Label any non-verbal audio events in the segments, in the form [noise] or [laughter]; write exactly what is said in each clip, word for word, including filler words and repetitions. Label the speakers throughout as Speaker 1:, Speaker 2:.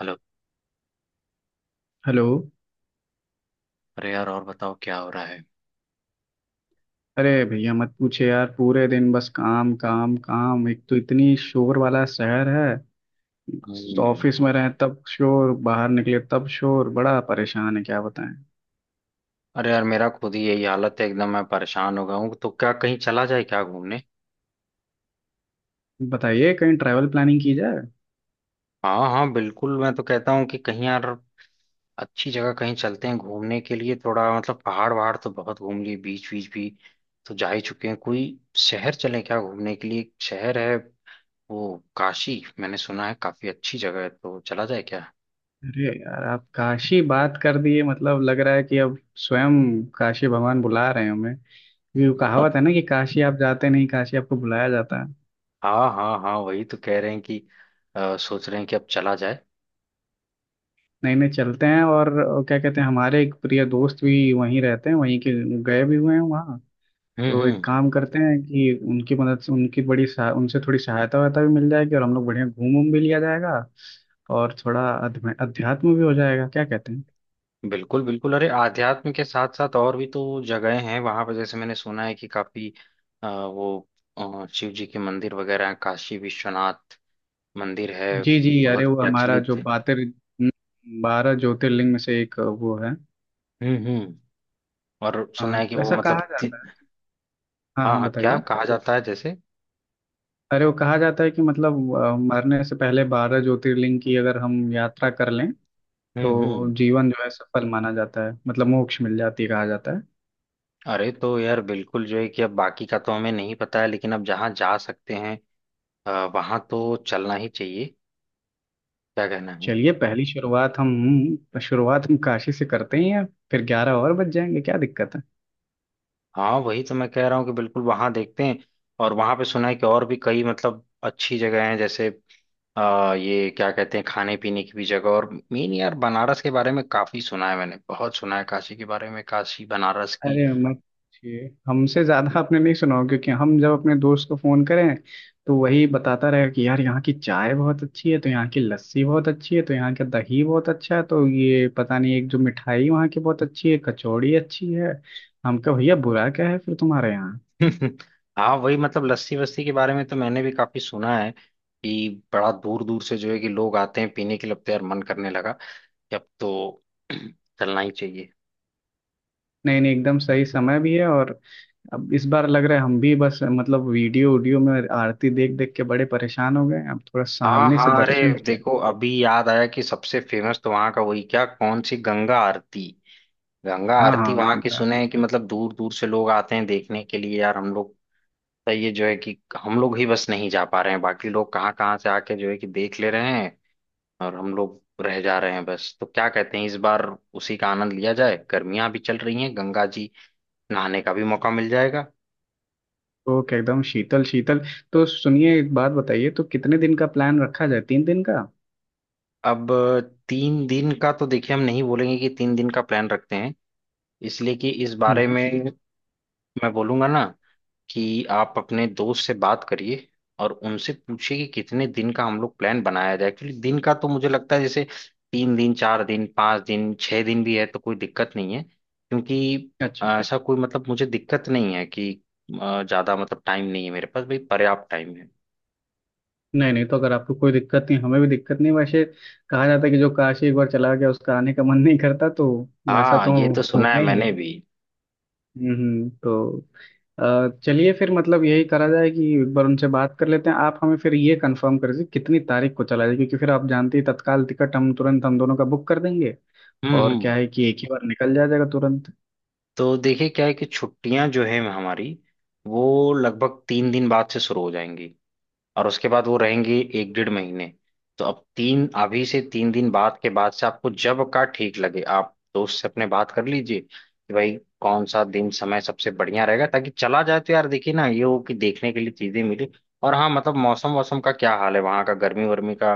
Speaker 1: Hello.
Speaker 2: Hello.
Speaker 1: अरे यार, और बताओ क्या हो रहा है?
Speaker 2: अरे भैया मत पूछे यार, पूरे दिन बस काम काम काम। एक तो इतनी शोर वाला शहर है,
Speaker 1: हम्म।
Speaker 2: ऑफिस में रहें तब शोर, बाहर निकले तब शोर, बड़ा परेशान है क्या बताएं।
Speaker 1: अरे यार, मेरा खुद ही यही हालत है एकदम। मैं परेशान हो गया हूँ। तो क्या कहीं चला जाए क्या, घूमने?
Speaker 2: बताइए, कहीं ट्रैवल प्लानिंग की जाए।
Speaker 1: हाँ हाँ बिल्कुल, मैं तो कहता हूँ कि कहीं, यार, अच्छी जगह कहीं चलते हैं घूमने के लिए। थोड़ा मतलब पहाड़ वहाड़ तो बहुत घूम लिए, बीच बीच भी तो जा ही चुके हैं। कोई शहर चलें क्या घूमने के लिए? एक शहर है वो काशी, मैंने सुना है काफी अच्छी जगह है। तो चला जाए क्या?
Speaker 2: अरे यार आप काशी बात कर दिए, मतलब लग रहा है कि अब स्वयं काशी भगवान बुला रहे हैं हमें, क्योंकि वो कहावत है ना कि काशी आप जाते नहीं, काशी आपको बुलाया जाता है।
Speaker 1: हाँ हाँ हाँ, वही तो कह रहे हैं कि अ, सोच रहे हैं कि अब चला जाए।
Speaker 2: नहीं नहीं, चलते हैं। और क्या कहते हैं, हमारे एक प्रिय दोस्त भी वहीं रहते हैं, वहीं के गए भी हुए हैं वहाँ।
Speaker 1: हम्म
Speaker 2: तो एक
Speaker 1: हम्म।
Speaker 2: काम करते हैं कि उनकी मदद से उनकी बड़ी सहा, उनसे थोड़ी सहायता वायता भी मिल जाएगी और हम लोग बढ़िया घूम उम भी लिया जाएगा। और थोड़ा अध्म- अध्यात्म भी हो जाएगा, क्या कहते हैं।
Speaker 1: बिल्कुल बिल्कुल। अरे आध्यात्म के साथ साथ और भी तो जगहें हैं वहां पर, जैसे मैंने सुना है कि काफी अ, वो अ, शिव जी के मंदिर वगैरह हैं, काशी विश्वनाथ मंदिर है,
Speaker 2: जी जी, अरे
Speaker 1: बहुत
Speaker 2: वो हमारा
Speaker 1: प्रचलित
Speaker 2: जो
Speaker 1: है।
Speaker 2: बातें, बारह ज्योतिर्लिंग में से एक वो है।
Speaker 1: हम्म हम्म। और सुना
Speaker 2: हाँ,
Speaker 1: है कि
Speaker 2: तो
Speaker 1: वो
Speaker 2: ऐसा कहा
Speaker 1: मतलब ति-
Speaker 2: जाता है। हाँ
Speaker 1: हाँ
Speaker 2: हाँ
Speaker 1: हाँ, क्या
Speaker 2: बताइए।
Speaker 1: कहा जाता है जैसे?
Speaker 2: अरे वो कहा जाता है कि मतलब अ, मरने से पहले बारह ज्योतिर्लिंग की अगर हम यात्रा कर लें
Speaker 1: हम्म
Speaker 2: तो
Speaker 1: हम्म।
Speaker 2: जीवन जो है सफल माना जाता है, मतलब मोक्ष मिल जाती है कहा जाता है।
Speaker 1: अरे तो यार बिल्कुल, जो है कि अब बाकी का तो हमें नहीं पता है, लेकिन अब जहाँ जा सकते हैं अ, वहाँ तो चलना ही चाहिए। क्या कहना है?
Speaker 2: चलिए, पहली शुरुआत हम शुरुआत हम काशी से करते हैं यार। फिर ग्यारह और बज जाएंगे क्या दिक्कत है।
Speaker 1: हाँ वही तो मैं कह रहा हूँ कि बिल्कुल वहां देखते हैं। और वहां पे सुना है कि और भी कई मतलब अच्छी जगह हैं, जैसे आ, ये क्या कहते हैं, खाने पीने की भी जगह। और मेन, यार, बनारस के बारे में काफी सुना है मैंने, बहुत सुना है काशी के बारे में, काशी बनारस की।
Speaker 2: अरे मत पूछिए, हमसे ज्यादा आपने नहीं सुना होगा, क्योंकि हम जब अपने दोस्त को फोन करें तो वही बताता रहेगा कि यार यहाँ की चाय बहुत अच्छी है, तो यहाँ की लस्सी बहुत अच्छी है, तो यहाँ का दही बहुत अच्छा है, तो ये पता नहीं एक जो मिठाई वहाँ की बहुत अच्छी है, कचौड़ी अच्छी है। हम कहा भैया, बुरा क्या है फिर तुम्हारे यहाँ।
Speaker 1: [laughs] हाँ, वही मतलब लस्सी वस्सी के बारे में तो मैंने भी काफी सुना है कि बड़ा दूर दूर से जो है कि लोग आते हैं पीने के लिए। अब तो यार मन करने लगा कि अब तो [clears throat] चलना ही चाहिए।
Speaker 2: नहीं नहीं, एकदम सही समय भी है। और अब इस बार लग रहा है हम भी बस मतलब वीडियो वीडियो में आरती देख देख के बड़े परेशान हो गए हैं। अब थोड़ा
Speaker 1: हाँ
Speaker 2: सामने से
Speaker 1: हाँ। अरे
Speaker 2: दर्शन किया
Speaker 1: देखो, अभी याद आया कि सबसे फेमस तो वहां का वही क्या, कौन सी गंगा आरती, गंगा
Speaker 2: जाए। हाँ
Speaker 1: आरती
Speaker 2: हाँ,
Speaker 1: वहां की,
Speaker 2: गंगा।
Speaker 1: सुने हैं कि मतलब दूर दूर से लोग आते हैं देखने के लिए, यार हम लोग, तो ये जो है कि हम लोग ही बस नहीं जा पा रहे हैं, बाकी लोग कहाँ कहाँ से आके जो है कि देख ले रहे हैं, और हम लोग रह जा रहे हैं बस। तो क्या कहते हैं इस बार उसी का आनंद लिया जाए? गर्मियां भी चल रही हैं, गंगा जी नहाने का भी मौका मिल जाएगा।
Speaker 2: तो क्या एकदम शीतल शीतल। तो सुनिए एक बात बताइए, तो कितने दिन का प्लान रखा जाए, तीन दिन का।
Speaker 1: अब तीन दिन का तो देखिए, हम नहीं बोलेंगे कि तीन दिन का प्लान रखते हैं। इसलिए कि इस बारे
Speaker 2: हम्म।
Speaker 1: में मैं बोलूंगा ना, कि आप अपने दोस्त से बात करिए, और उनसे पूछिए कि कितने दिन का हम लोग प्लान बनाया जाए। एक्चुअली दिन का तो मुझे लगता है जैसे तीन दिन, चार दिन, पाँच दिन, छह दिन भी है तो कोई दिक्कत नहीं है, क्योंकि अ,
Speaker 2: अच्छा।
Speaker 1: ऐसा कोई मतलब मुझे दिक्कत नहीं है कि अ, ज्यादा मतलब टाइम नहीं है मेरे पास भाई, पर्याप्त टाइम है।
Speaker 2: नहीं नहीं, तो अगर आपको कोई दिक्कत नहीं हमें भी दिक्कत नहीं। वैसे कहा जाता है कि जो काशी एक बार चला गया उसका आने का मन नहीं करता, तो वैसा
Speaker 1: हाँ
Speaker 2: तो
Speaker 1: ये तो सुना है
Speaker 2: होना ही
Speaker 1: मैंने
Speaker 2: है।
Speaker 1: भी।
Speaker 2: हम्म, तो अ, चलिए फिर मतलब यही करा जाए कि एक बार उनसे बात कर लेते हैं। आप हमें फिर ये कंफर्म कर दीजिए कितनी तारीख को चला जाए, क्योंकि फिर आप जानते हैं तत्काल टिकट हम तुरंत हम दोनों का बुक कर देंगे।
Speaker 1: हम्म
Speaker 2: और क्या
Speaker 1: हम्म।
Speaker 2: है कि एक ही बार निकल जाया जाएगा तुरंत।
Speaker 1: तो देखिए क्या है, कि छुट्टियां जो है हमारी, वो लगभग तीन दिन बाद से शुरू हो जाएंगी, और उसके बाद वो रहेंगी एक डेढ़ महीने। तो अब तीन, अभी से तीन दिन बाद के बाद से, आपको जब का ठीक लगे आप दोस्त से अपने बात कर लीजिए कि भाई कौन सा दिन, समय सबसे बढ़िया रहेगा ताकि चला जाए। तो यार देखिए ना, ये हो कि देखने के लिए चीजें मिले। और हाँ, मतलब मौसम, मौसम का क्या हाल है वहां का, गर्मी वर्मी का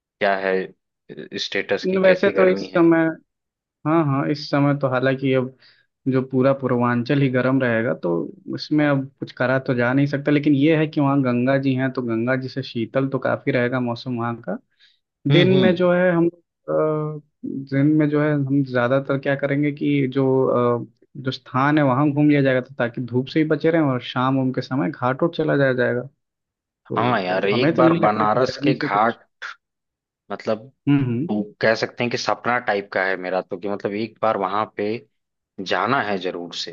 Speaker 1: क्या है, स्टेटस की,
Speaker 2: न, वैसे
Speaker 1: कैसी
Speaker 2: तो
Speaker 1: गर्मी
Speaker 2: इस
Speaker 1: है?
Speaker 2: समय, हाँ हाँ, इस समय तो हालांकि अब जो पूरा पूर्वांचल ही गर्म रहेगा तो उसमें अब कुछ करा तो जा नहीं सकता, लेकिन ये है कि वहाँ गंगा जी हैं तो गंगा जी से शीतल तो काफी रहेगा मौसम वहाँ का।
Speaker 1: हम्म
Speaker 2: दिन में
Speaker 1: हम्म।
Speaker 2: जो है हम अ, दिन में जो है हम ज्यादातर क्या करेंगे कि जो अ, जो स्थान है वहां घूम लिया जाएगा, तो ताकि धूप से ही बचे रहें, और शाम उम के समय घाट उठ चला जाया जाएगा।
Speaker 1: हाँ
Speaker 2: तो
Speaker 1: यार,
Speaker 2: हमें
Speaker 1: एक
Speaker 2: तो
Speaker 1: बार
Speaker 2: नहीं लगता कि
Speaker 1: बनारस के
Speaker 2: गर्मी से कुछ।
Speaker 1: घाट, मतलब
Speaker 2: हम्म
Speaker 1: वो कह सकते हैं कि सपना टाइप का है मेरा तो, कि मतलब एक बार वहां पे जाना है जरूर से,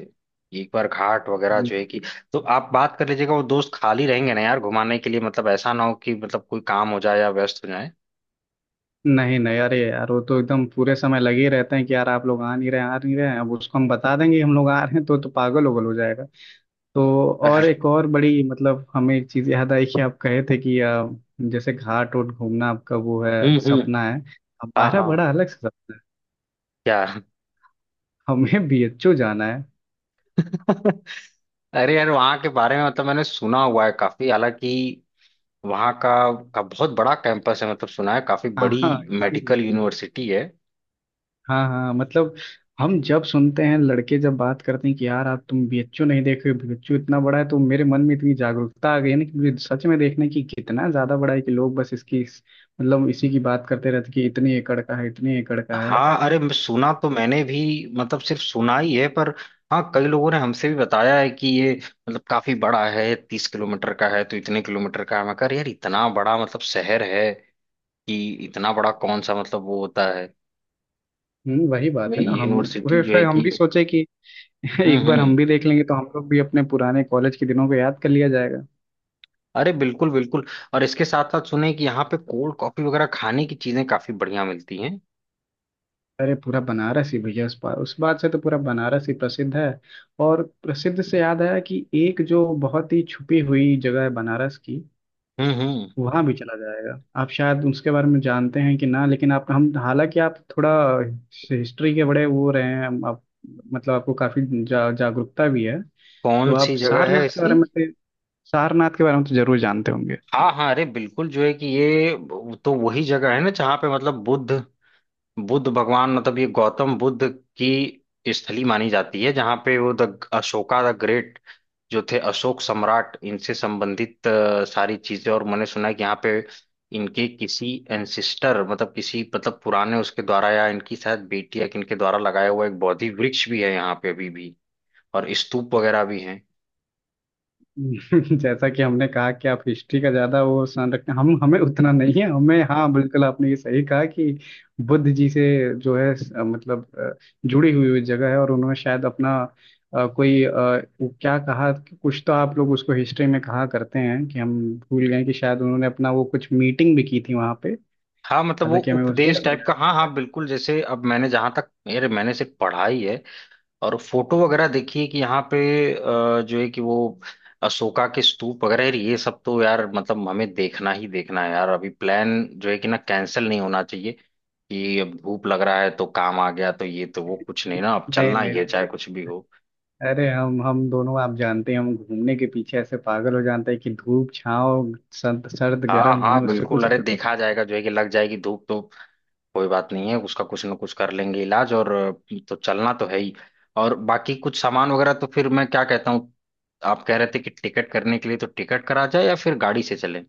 Speaker 1: एक बार घाट वगैरह
Speaker 2: हम्म।
Speaker 1: जो है कि, तो आप बात कर लीजिएगा। वो दोस्त खाली रहेंगे ना यार घुमाने के लिए, मतलब ऐसा ना हो कि मतलब कोई काम हो जाए या व्यस्त हो जाए।
Speaker 2: नहीं नहीं, अरे यार वो तो एकदम पूरे समय लगे ही रहते हैं कि यार आप लोग आ नहीं रहे, आ नहीं रहे हैं। अब उसको हम बता देंगे कि हम लोग आ रहे हैं तो तो पागल उगल हो जाएगा। तो और एक और बड़ी मतलब हमें एक चीज याद आई कि आप कहे थे कि अ, जैसे घाट वोट घूमना आपका वो है
Speaker 1: हम्म हम्म।
Speaker 2: सपना है।
Speaker 1: हाँ
Speaker 2: हमारा
Speaker 1: हाँ।
Speaker 2: बड़ा अलग से सपना है।
Speaker 1: क्या?
Speaker 2: हमें बीएचयू जाना है।
Speaker 1: [laughs] अरे यार, वहाँ के बारे में मतलब मैंने सुना हुआ है काफी, हालांकि वहाँ का, का बहुत बड़ा कैंपस है, मतलब सुना है काफी
Speaker 2: हाँ
Speaker 1: बड़ी
Speaker 2: हाँ
Speaker 1: मेडिकल
Speaker 2: इसीलिए।
Speaker 1: यूनिवर्सिटी है।
Speaker 2: हाँ हाँ मतलब, हम जब सुनते हैं लड़के जब बात करते हैं कि यार आप तुम बीएचयू नहीं देखे, बीएचयू इतना बड़ा है तो मेरे मन में इतनी जागरूकता आ गई है ना कि मुझे सच में देखने की, कितना ज्यादा बड़ा है कि लोग बस इसकी इस, मतलब इसी की बात करते रहते कि इतने एकड़ का है इतने एकड़ का है।
Speaker 1: हाँ अरे, मैं- सुना तो मैंने भी, मतलब सिर्फ सुना ही है पर। हाँ, कई लोगों ने हमसे भी बताया है कि ये मतलब काफी बड़ा है, तीस किलोमीटर का है, तो इतने किलोमीटर का है। मैं कह रहा, यार इतना बड़ा मतलब शहर है कि, इतना बड़ा कौन सा मतलब वो होता है,
Speaker 2: हम्म, वही
Speaker 1: मैं
Speaker 2: बात है ना,
Speaker 1: ये,
Speaker 2: हम
Speaker 1: यूनिवर्सिटी
Speaker 2: फिर
Speaker 1: जो
Speaker 2: फिर
Speaker 1: है
Speaker 2: हम
Speaker 1: कि।
Speaker 2: भी सोचे कि [laughs]
Speaker 1: हम्म
Speaker 2: एक बार
Speaker 1: हम्म।
Speaker 2: हम भी देख लेंगे तो हम लोग भी अपने पुराने कॉलेज के दिनों को याद कर लिया जाएगा।
Speaker 1: अरे बिल्कुल बिल्कुल। और इसके साथ साथ सुने कि यहाँ पे कोल्ड कॉफी वगैरह खाने की चीजें काफी बढ़िया मिलती हैं।
Speaker 2: अरे पूरा बनारस ही भैया उस बात उस बात से तो पूरा बनारस ही प्रसिद्ध है। और प्रसिद्ध से याद आया कि एक जो बहुत ही छुपी हुई जगह है बनारस की,
Speaker 1: हम्म हम्म।
Speaker 2: वहां भी चला जाएगा। आप शायद उसके बारे में जानते हैं कि ना, लेकिन आप हम हालांकि आप थोड़ा हिस्ट्री के बड़े वो रहे हैं आप, मतलब आपको काफी जा, जागरूकता भी है।
Speaker 1: कौन
Speaker 2: तो आप
Speaker 1: सी जगह है
Speaker 2: सारनाथ के
Speaker 1: ऐसी?
Speaker 2: बारे में तो- सारनाथ के बारे में तो जरूर जानते होंगे।
Speaker 1: हाँ हाँ अरे, बिल्कुल जो है कि ये तो वही जगह है ना जहाँ पे मतलब बुद्ध, बुद्ध भगवान मतलब ये गौतम बुद्ध की स्थली मानी जाती है, जहाँ पे वो द अशोका द ग्रेट जो थे, अशोक सम्राट, इनसे संबंधित अ, सारी चीजें, और मैंने सुना है कि यहाँ पे इनके किसी एंसिस्टर, मतलब किसी मतलब पुराने उसके द्वारा, या इनकी शायद बेटी या किनके द्वारा लगाया हुआ एक बोधि वृक्ष भी है यहाँ पे अभी भी, और स्तूप वगैरह भी है।
Speaker 2: [laughs] जैसा कि हमने कहा कि आप हिस्ट्री का ज्यादा वो सान रखते हैं, हम हमें उतना नहीं है।
Speaker 1: [laughs]
Speaker 2: हमें, हाँ बिल्कुल आपने ये सही कहा कि बुद्ध जी से जो है स- मतलब अ, जुड़ी हुई हुई जगह है। और उन्होंने शायद अपना अ, कोई अ, वो क्या कहा कि कुछ तो आप लोग उसको हिस्ट्री में कहा करते हैं कि हम भूल गए, कि शायद उन्होंने अपना वो कुछ मीटिंग भी की थी वहां पे।
Speaker 1: हाँ, मतलब वो
Speaker 2: हालांकि हमें उस
Speaker 1: उपदेश
Speaker 2: शब्द
Speaker 1: टाइप
Speaker 2: याद
Speaker 1: का, हाँ हाँ बिल्कुल, जैसे अब मैंने जहां तक, मेरे मैंने सिर्फ पढ़ाई है, और फोटो वगैरह देखिए कि यहाँ पे अ, जो है कि वो अशोका के स्तूप वगैरह है, ये सब तो यार मतलब हमें देखना ही देखना है यार। अभी प्लान जो है कि ना कैंसिल नहीं होना चाहिए, कि अब धूप लग रहा है तो काम आ गया तो ये तो वो कुछ नहीं ना, अब
Speaker 2: नहीं।
Speaker 1: चलना
Speaker 2: नहीं
Speaker 1: ही है
Speaker 2: नहीं।
Speaker 1: चाहे कुछ भी हो।
Speaker 2: अरे हम हम दोनों आप जानते हैं हम घूमने के पीछे ऐसे पागल हो जाते हैं कि धूप छाँव सर्द सर्द
Speaker 1: हाँ
Speaker 2: गर्म
Speaker 1: हाँ
Speaker 2: हमें उससे
Speaker 1: बिल्कुल,
Speaker 2: कुछ
Speaker 1: अरे
Speaker 2: नहीं।
Speaker 1: देखा जाएगा जो है कि, लग जाएगी धूप तो कोई बात नहीं है, उसका कुछ ना कुछ कर लेंगे इलाज, और अ, तो चलना तो है ही। और बाकी कुछ सामान वगैरह तो फिर मैं क्या कहता हूँ, आप कह रहे थे कि टिकट करने के लिए, तो टिकट करा जाए या फिर गाड़ी से चले?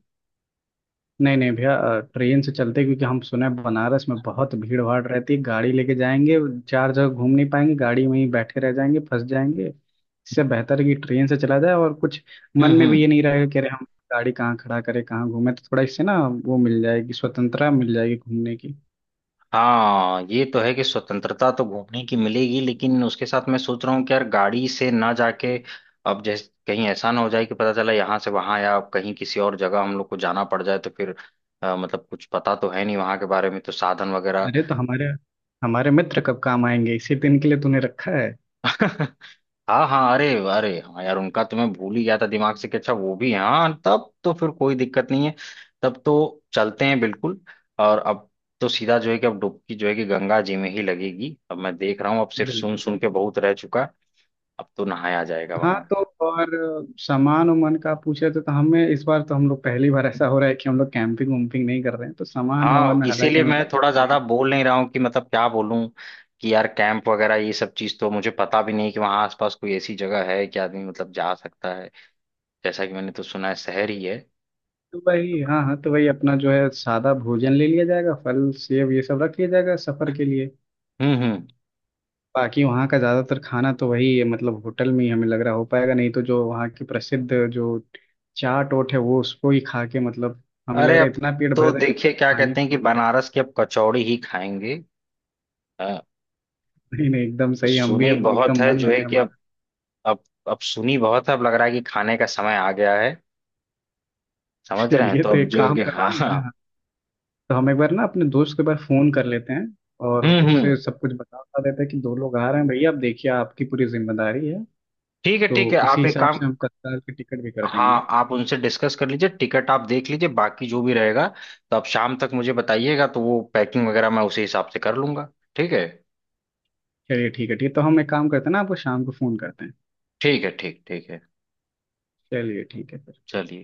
Speaker 2: नहीं नहीं भैया अ, ट्रेन से चलते हैं, क्योंकि हम सुना है बनारस में बहुत भीड़ भाड़ रहती है, गाड़ी लेके जाएंगे चार जगह घूम नहीं पाएंगे, गाड़ी में ही बैठे रह जाएंगे फंस जाएंगे, इससे बेहतर है कि ट्रेन से चला जाए। और कुछ मन
Speaker 1: हम्म
Speaker 2: में भी ये
Speaker 1: हम्म।
Speaker 2: नहीं रहेगा कि अरे हम गाड़ी कहाँ खड़ा करें कहाँ घूमें, तो थोड़ा इससे ना वो मिल जाएगी स्वतंत्रता, मिल जाएगी घूमने की।
Speaker 1: हाँ ये तो है कि स्वतंत्रता तो घूमने की मिलेगी, लेकिन उसके साथ मैं सोच रहा हूँ कि यार गाड़ी से ना जाके, अब जैसे कहीं ऐसा ना हो जाए कि पता चला यहाँ से वहां, या कहीं किसी और जगह हम लोग को जाना पड़ जाए, तो फिर अ, मतलब कुछ पता तो है नहीं वहां के बारे में, तो साधन वगैरह।
Speaker 2: अरे तो हमारे हमारे मित्र कब काम आएंगे, इसी दिन के लिए तूने रखा है।
Speaker 1: [laughs] हाँ हाँ अरे, अरे हाँ यार, उनका तो मैं भूल ही गया था दिमाग से कि अच्छा वो भी हैं। हाँ तब तो फिर कोई दिक्कत नहीं है, तब तो चलते हैं बिल्कुल। और अब तो सीधा जो है कि अब डुबकी जो है कि गंगा जी में ही लगेगी। अब मैं देख रहा हूँ, अब सिर्फ सुन
Speaker 2: बिल्कुल।
Speaker 1: सुन के बहुत रह चुका, अब तो नहाया जाएगा
Speaker 2: हाँ,
Speaker 1: वहां।
Speaker 2: तो और सामान उमान का पूछे, तो, तो हमें इस बार तो हम लोग पहली बार ऐसा हो रहा है कि हम लोग कैंपिंग वैम्पिंग नहीं कर रहे हैं, तो सामान वामान
Speaker 1: हाँ,
Speaker 2: में हालांकि
Speaker 1: इसीलिए
Speaker 2: हमें
Speaker 1: मैं
Speaker 2: कुछ
Speaker 1: थोड़ा ज्यादा
Speaker 2: देंगे।
Speaker 1: बोल नहीं रहा हूँ कि मतलब क्या बोलूँ, कि यार कैंप वगैरह ये सब चीज तो मुझे पता भी नहीं, कि वहां आसपास कोई ऐसी जगह है कि आदमी मतलब जा सकता है। जैसा कि मैंने तो सुना है शहर ही है।
Speaker 2: तो भाई हाँ हाँ, तो भाई अपना जो है सादा भोजन ले लिया जाएगा, फल सेब ये सब रख लिया जाएगा सफर के लिए।
Speaker 1: हम्म हम्म।
Speaker 2: बाकी वहाँ का ज़्यादातर खाना तो वही है, मतलब होटल में ही हमें लग रहा हो पाएगा नहीं, तो जो वहाँ की प्रसिद्ध जो चाट ओट है वो उसको ही खा के मतलब हमें लग
Speaker 1: अरे
Speaker 2: रहा है
Speaker 1: अब
Speaker 2: इतना पेट
Speaker 1: तो
Speaker 2: भर जाएगा।
Speaker 1: देखिए क्या
Speaker 2: खाने।
Speaker 1: कहते हैं कि बनारस की अब कचौड़ी ही खाएंगे। हाँ,
Speaker 2: नहीं नहीं, एकदम सही, हम भी
Speaker 1: सुनी
Speaker 2: अब
Speaker 1: बहुत
Speaker 2: एकदम
Speaker 1: है
Speaker 2: मन
Speaker 1: जो
Speaker 2: हो
Speaker 1: है
Speaker 2: गया
Speaker 1: कि, अब
Speaker 2: हमारा।
Speaker 1: अब अब सुनी बहुत है, अब लग रहा है कि खाने का समय आ गया है।
Speaker 2: [laughs]
Speaker 1: समझ रहे हैं
Speaker 2: चलिए
Speaker 1: तो,
Speaker 2: तो
Speaker 1: अब
Speaker 2: एक
Speaker 1: जो है
Speaker 2: काम
Speaker 1: कि, हाँ
Speaker 2: करते हैं
Speaker 1: हाँ।
Speaker 2: हाँ, तो हम एक बार ना अपने दोस्त को एक बार फोन कर लेते हैं और
Speaker 1: हम्म
Speaker 2: उससे
Speaker 1: हम्म।
Speaker 2: सब कुछ बता बता देते हैं कि दो लोग आ रहे हैं भैया, आप देखिए आपकी पूरी जिम्मेदारी है।
Speaker 1: ठीक है
Speaker 2: तो
Speaker 1: ठीक है,
Speaker 2: उसी
Speaker 1: आप एक
Speaker 2: हिसाब
Speaker 1: काम।
Speaker 2: से हम तत्काल की टिकट भी कर देंगे।
Speaker 1: हाँ आप उनसे डिस्कस कर लीजिए, टिकट आप देख लीजिए, बाकी जो भी रहेगा तो आप शाम तक मुझे बताइएगा, तो वो पैकिंग वगैरह मैं उसी हिसाब से कर लूंगा। ठीक है।
Speaker 2: चलिए ठीक है ठीक है, तो हम एक काम करते हैं ना, आपको शाम को फोन करते हैं।
Speaker 1: ठीक है, ठीक ठीक है।
Speaker 2: चलिए ठीक है फिर।
Speaker 1: चलिए।